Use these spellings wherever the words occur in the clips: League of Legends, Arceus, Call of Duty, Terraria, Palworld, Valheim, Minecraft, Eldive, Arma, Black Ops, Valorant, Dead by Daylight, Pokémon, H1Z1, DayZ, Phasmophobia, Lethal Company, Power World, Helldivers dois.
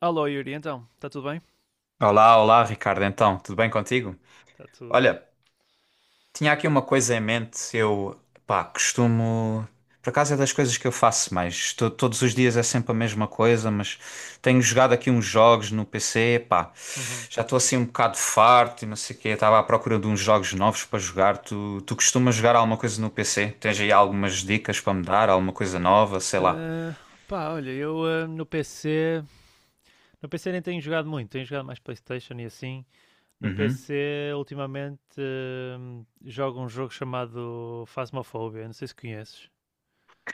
Alô Yuri, então, está tudo bem? Olá, olá, Ricardo. Então, tudo bem contigo? Está tudo. Olha, tinha aqui uma coisa em mente. Eu, pá, costumo. Por acaso é das coisas que eu faço mais. Todos os dias é sempre a mesma coisa, mas tenho jogado aqui uns jogos no PC. Pá, Uhum. já estou assim um bocado farto e não sei o quê. Estava à procura de uns jogos novos para jogar. Tu costumas jogar alguma coisa no PC? Tens aí algumas dicas para me dar? Alguma coisa nova? Sei lá. Ah, pá, olha, eu no PC nem tenho jogado muito, tenho jogado mais PlayStation e assim. No Uhum. PC, ultimamente, jogo um jogo chamado Phasmophobia, não sei se conheces.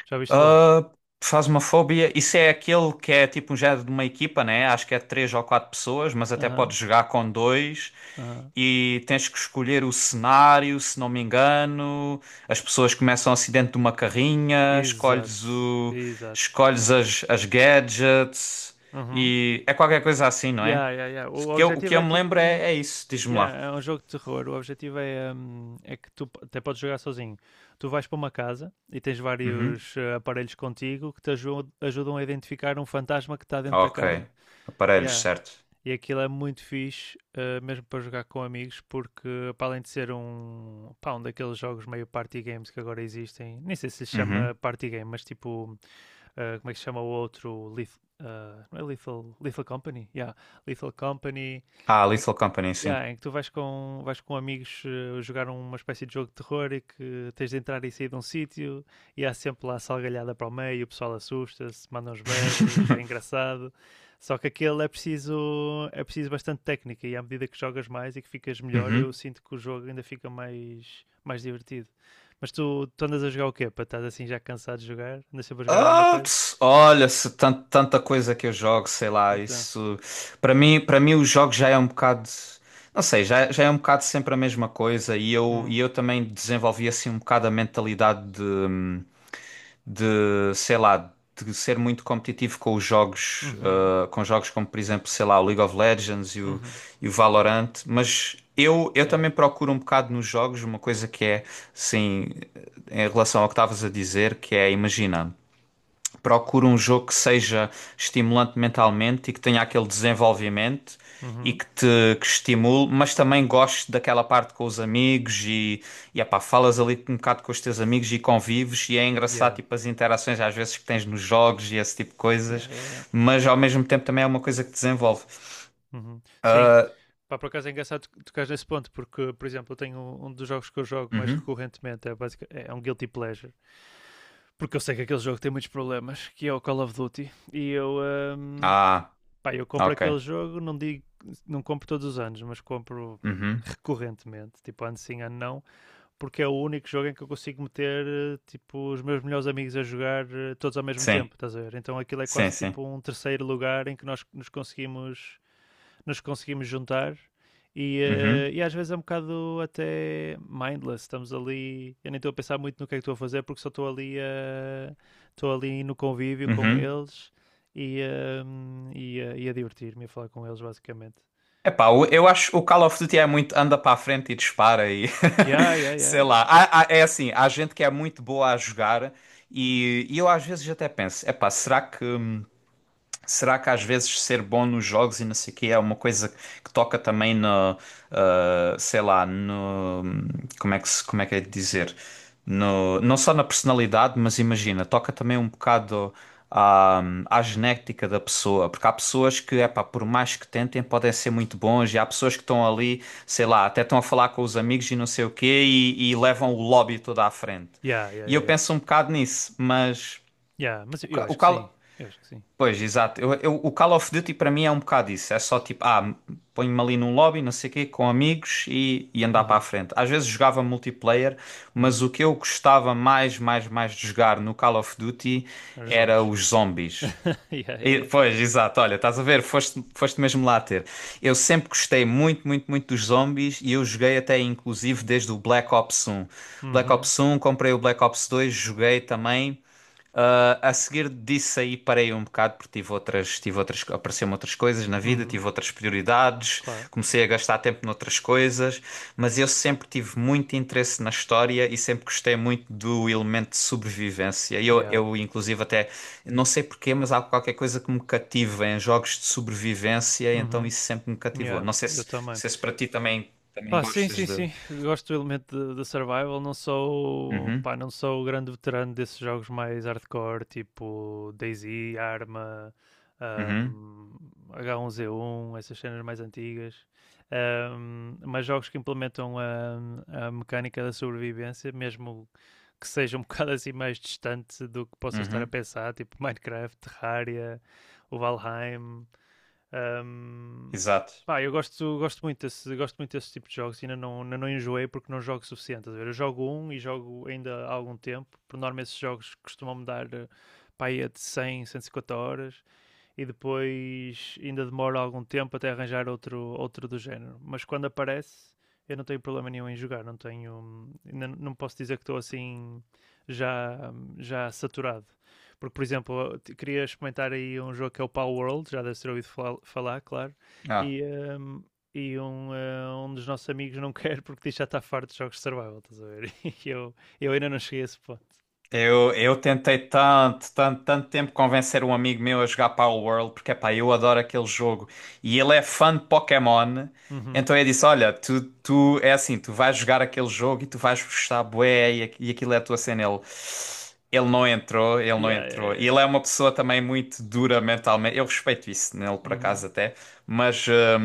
Já ouviste falar? Ah, Phasmophobia, isso é aquele que é tipo um género de uma equipa, né? Acho que é três ou quatro pessoas, mas até Aham, podes jogar com dois aham. e tens que escolher o cenário, se não me engano. As pessoas começam assim dentro de uma carrinha, Exato, escolhes o, exato. escolhes as gadgets Uhum. e é qualquer coisa assim, não é? Yeah, yeah, yeah. O O que eu, o objetivo que eu é me lembro tipo. é isso, diz-me Yeah, lá. é um jogo de terror. O objetivo é que tu até podes jogar sozinho. Tu vais para uma casa e tens Uhum. vários aparelhos contigo que te ajudam a identificar um fantasma que está dentro da Ok. casa. Aparelhos, Yeah. certo. E aquilo é muito fixe, mesmo para jogar com amigos, porque para além de ser pá, um daqueles jogos meio party games que agora existem, nem sei se se chama Uhum. party game, mas tipo como é que se chama o outro? Não é Lethal Company? Yeah. Lethal Company, Ah, em que, Lethal Company, sim. yeah, em que tu vais com amigos jogar uma espécie de jogo de terror e que tens de entrar e sair de um sítio, e há sempre lá salgalhada para o meio, o pessoal assusta-se, manda uns berros, é engraçado. Só que aquele é preciso bastante técnica, e à medida que jogas mais e que ficas melhor, eu Uhum. sinto que o jogo ainda fica mais divertido. Mas tu andas a jogar o quê? Para estás assim já cansado de jogar? Andas sempre a jogar a mesma coisa? Olha, se tanta coisa que eu jogo, sei lá, Então. isso para mim o jogo já é um bocado, não sei, já é um bocado sempre a mesma coisa e eu e Hum. eu também desenvolvi assim um bocado a mentalidade de, sei lá, de ser muito competitivo com os jogos, Uhum. ah, com jogos como, por exemplo, sei lá, o League of Legends e o, Uhum. e o Valorant, mas eu Yeah. também procuro um bocado nos jogos uma coisa que é, sim, em relação ao que estavas a dizer, que é, imagina. Procuro um jogo que seja estimulante mentalmente e que tenha aquele desenvolvimento e Uhum. que te que estimule, mas também gosto daquela parte com os amigos e epá, falas ali um bocado com os teus amigos e convives e é engraçado Yeah. tipo as interações às vezes que tens nos jogos e esse tipo de Yeah, coisas, yeah, yeah. mas ao mesmo tempo também é uma coisa que te desenvolve. Uhum. Sim, Ah, pá, por acaso é engraçado tocar nesse ponto, porque, por exemplo, eu tenho um dos jogos que eu jogo mais uhum. recorrentemente, é um guilty pleasure, porque eu sei que aquele jogo tem muitos problemas, que é o Call of Duty. E hum, Ah, pá, eu compro ok. aquele jogo, não digo, não compro todos os anos, mas compro Uhum. recorrentemente, tipo ano sim, ano não, porque é o único jogo em que eu consigo meter tipo os meus melhores amigos a jogar todos ao mesmo Sim, tempo, estás a ver? Então aquilo é sim, quase sim. tipo um terceiro lugar em que nós nos conseguimos juntar, e, Uhum. e às vezes é um bocado até mindless, estamos ali, eu nem estou a pensar muito no que é que estou a fazer porque só estou ali no convívio com Uhum. eles e, e a divertir-me a falar com eles basicamente. Epá, eu acho que o Call of Duty é muito anda para a frente e dispara e Yeah, yeah, yeah. sei lá. É assim, há gente que é muito boa a jogar e eu às vezes até penso, epá, Será que às vezes ser bom nos jogos e não sei o quê é uma coisa que toca também no, ah, sei lá, no, como é que é de dizer? No, não só na personalidade, mas imagina, toca também um bocado à, à genética da pessoa, porque há pessoas que, epá, por mais que tentem, podem ser muito bons, e há pessoas que estão ali, sei lá, até estão a falar com os amigos e não sei o quê, e levam o lobby todo à frente. Yeah, yeah, E yeah, eu yeah. penso um bocado nisso, mas Yeah, mas o eu ca- o acho que sim. cal- Eu acho que sim. Pois, exato. O Call of Duty para mim é um bocado isso. É só tipo, ah, ponho-me ali num lobby, não sei o quê, com amigos e andar para a Uhum. frente. Às vezes jogava multiplayer, mas Uhum. o que eu gostava mais, mais, mais de jogar no Call of Duty Os era zombies. os zombies. yeah, yeah, yeah. Pois, exato. Olha, estás a ver? Foste mesmo lá ter. Eu sempre gostei muito, muito, muito dos zombies e eu joguei até inclusive desde o Black Uhum. Ops um comprei o Black Ops dois joguei também. Ah, a seguir disso aí parei um bocado porque tive outras, apareceram outras coisas na vida, Uhum. tive outras prioridades, Claro. comecei a gastar tempo noutras coisas, mas eu sempre tive muito interesse na história e sempre gostei muito do elemento de sobrevivência. E Eu, Yeah. eu inclusive, até não sei porquê, mas há qualquer coisa que me cativa em jogos de sobrevivência, então Uhum. isso sempre me cativou. Yeah. Eu Não também. sei se para ti também, também Pá, sim, gostas sim, de. sim. Gosto do elemento da survival. Não sou, Uhum, pá, não sou o grande veterano desses jogos mais hardcore, tipo DayZ, Arma, uhum, ahm, H1Z1, essas cenas mais antigas. Mas jogos que implementam a mecânica da sobrevivência, mesmo que seja um bocado assim mais distante do que possa estar a uhum. pensar, tipo Minecraft, Terraria, o Valheim. Um, Exato. Pá, eu gosto muito desse tipo de jogos, e ainda não enjoei porque não jogo o suficiente. Eu jogo um e jogo ainda há algum tempo. Por norma, esses jogos costumam-me dar pá, de cem cento e 150 horas, e depois ainda demora algum tempo até arranjar outro do género. Mas quando aparece, eu não tenho problema nenhum em jogar, não tenho. Não, não posso dizer que estou assim já, já saturado. Porque, por exemplo, queria experimentar aí um jogo que é o Power World, já deve ter ouvido falar, claro, Ah. e, um, e um dos nossos amigos não quer porque diz que já está farto de jogos de survival, estás a ver? E eu ainda não cheguei a esse ponto. Eu tentei tanto, tanto, tanto tempo convencer um amigo meu a jogar Power World, porque epá, eu adoro aquele jogo e ele é fã de Pokémon. Uhum. Então eu disse: Olha, tu, tu é assim, tu vais jogar aquele jogo e tu vais gostar, bué, e, e aquilo é a tua cena. Ele, ele não Yeah, yeah, entrou. yeah. E Yeah. ele é uma pessoa também muito dura mentalmente. Eu respeito isso nele, por Uhum. acaso, até, mas.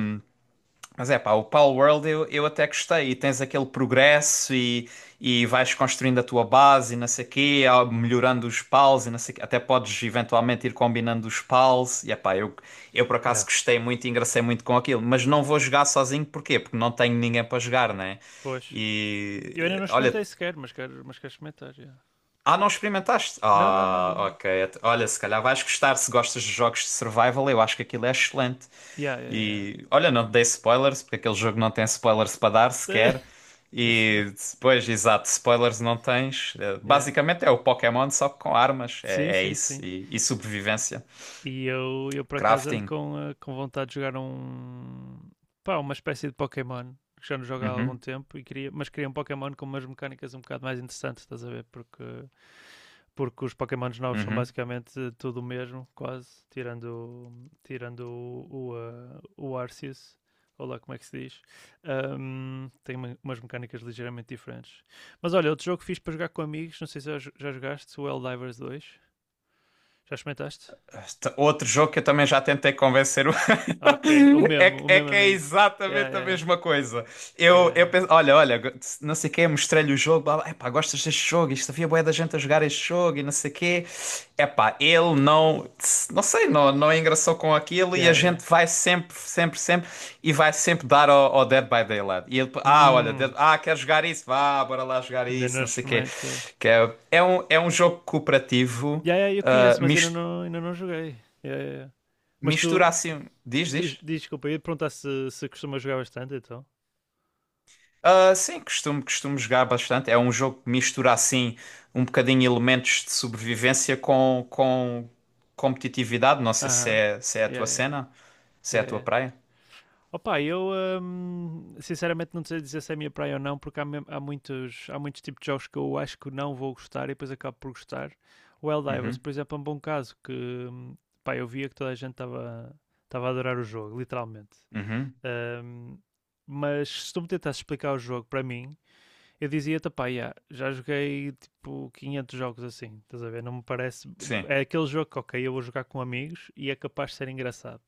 Mas é pá, o Pal World eu até gostei. E tens aquele progresso e vais construindo a tua base e não sei quê, ah, Uhum. melhorando os pals e não sei quê. Até podes eventualmente ir combinando os pals. E é pá, eu por Yeah. acaso gostei muito e engracei muito com aquilo. Mas não vou jogar sozinho, porquê? Porque não tenho ninguém para jogar, né? Pois, eu ainda E não olha, experimentei sequer, mas quero experimentar. Yeah. ah, não experimentaste? Não, não, não, Ah, não, não. ok. Olha, se calhar vais gostar se gostas de jogos de survival. Eu acho que aquilo é excelente. Yeah, yeah, E olha, não te dei spoilers, porque aquele jogo não tem spoilers para dar yeah. sequer. Isso. E depois, exato, spoilers não tens. Eh, Yeah. basicamente é o Pokémon, só que com armas. Sim, É sim, isso. sim. E sobrevivência. E eu por acaso ando Crafting. com vontade de jogar um. Pá, uma espécie de Pokémon que já não jogo há algum Uhum, tempo, e queria, mas queria um Pokémon com umas mecânicas um bocado mais interessantes, estás a ver? Porque os Pokémons novos são uhum. basicamente tudo o mesmo, quase, tirando o Arceus, ou lá como é que se diz. Tem umas mecânicas ligeiramente diferentes. Mas olha, outro jogo que fiz para jogar com amigos, não sei se já jogaste, o Helldivers 2. Já experimentaste? Outro jogo que eu também já tentei convencer o... Ok, o é, mesmo, o é mesmo que é amigo. Yeah, exatamente a yeah, mesma coisa. yeah, Eu yeah. penso, olha, não sei o quê, mostrei-lhe o jogo, blá, blá, epá, gostas deste jogo? Isto havia bué da gente a jogar este jogo e não sei o quê. Epá, ele não, não sei, não engraçou com aquilo e a Yeah, yeah. gente vai sempre e vai sempre dar ao, ao Dead by Daylight. E ele, ah, olha, Hum, ah, quer jogar isso? Vá, bora lá jogar Ainda isso, não não sei o quê. experimentei. Que é, é um jogo cooperativo, Yeah, yeah, eu ah, conheço, mas ainda não joguei. Yeah, yeah, yeah. Mas tu, mistura assim. Diz, Diz, diz. diz, desculpa, eu ia perguntar se, costuma jogar bastante, então. Ah, sim, costumo jogar bastante. É um jogo que mistura assim um bocadinho elementos de sobrevivência com competitividade. Não sei se Aham. Uh-huh. é, se é a Yeah, tua yeah, cena, se é a yeah, tua yeah. praia. Opa, eu sinceramente não sei dizer se é a minha praia ou não, porque há muitos tipos de jogos que eu acho que não vou gostar e depois acabo por gostar. O Helldivers, Uhum, por exemplo, é um bom caso que pá, eu via que toda a gente estava a adorar o jogo, literalmente. uhum, Hum, mas se tu me tentasses explicar o jogo para mim, eu dizia-te, pá, yeah, já joguei tipo 500 jogos assim, estás a ver? Não me parece. sim. É aquele jogo que, ok, eu vou jogar com amigos e é capaz de ser engraçado,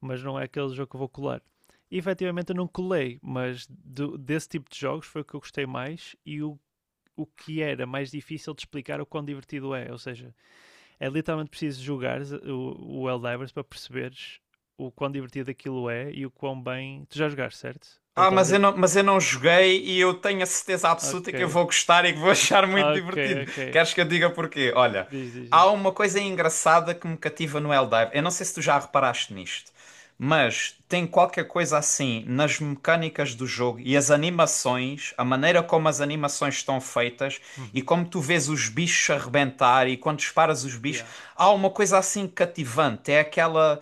mas não é aquele jogo que eu vou colar. E efetivamente eu não colei, mas desse tipo de jogos foi o que eu gostei mais, e o que era mais difícil de explicar o quão divertido é. Ou seja, é literalmente preciso jogar o Helldivers para perceberes o quão divertido aquilo é e o quão bem. Tu já jogaste, certo? Ou estavas a. Mas eu não joguei e eu tenho a certeza absoluta que eu Ok, vou gostar e que vou achar muito ok, divertido. ok. Queres que eu diga porquê? Olha, Diz, diz, há diz. uma coisa engraçada que me cativa no Eldive. Eu não sei se tu já reparaste nisto, mas tem qualquer coisa assim nas mecânicas do jogo e as animações, a maneira como as animações estão feitas e Uhum. como tu vês os bichos arrebentar e quando disparas os bichos, Yeah. há uma coisa assim cativante. É aquela.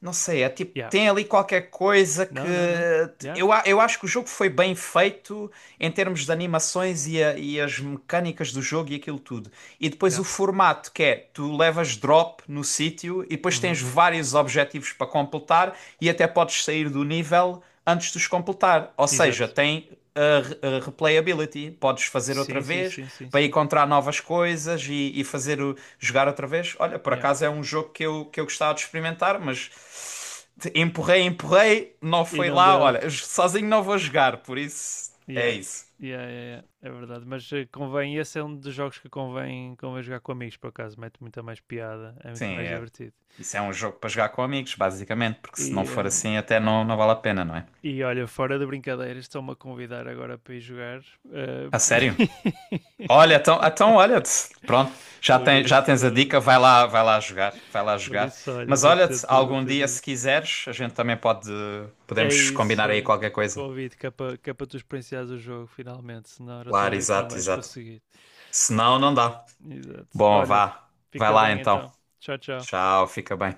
Não sei, é tipo, Yeah. tem ali qualquer coisa que. Não, não, não. Yeah. Eu acho que o jogo foi bem feito em termos de animações e, e as mecânicas do jogo e aquilo tudo. E depois Yeah. o formato, que é tu levas drop no sítio e depois tens Uhum. vários objetivos para completar e até podes sair do nível antes de os completar. Ou seja, Exato. tem a a replayability. Podes fazer outra Sim, sim, vez sim, sim, para sim. encontrar novas coisas e fazer jogar outra vez. Olha, por Yeah. acaso é um jogo que eu gostava de experimentar, mas empurrei, não E foi não lá. deu. Olha, sozinho não vou jogar, por isso é Yeah. isso. Yeah, yeah, yeah. É verdade. Mas convém, esse é um dos jogos que convém jogar com amigos, por acaso. Mete muita mais piada, é Sim, muito mais é. divertido. Isso é um jogo para jogar com amigos, basicamente, porque E, se não for hum, assim até não vale a pena, não é? e olha, fora de brincadeiras, estão-me a convidar agora para ir jogar. eh, A por... sério? Olha, então, então olha, pronto, por já tens a isso, dica, vai lá jogar, vai lá por jogar. isso, olha, Mas vou olha, ter de, vou algum ter de dia se ir. quiseres, a gente também pode, É podemos isso, combinar aí olha, qualquer coisa. convido, que é para tu experienciares o jogo finalmente, senão eu estou a Claro, ver que não exato, vais exato. conseguir. Se não, não dá. Exato. Bom, Olha, vá, vai fica lá bem então. então. Tchau, tchau. Tchau, fica bem.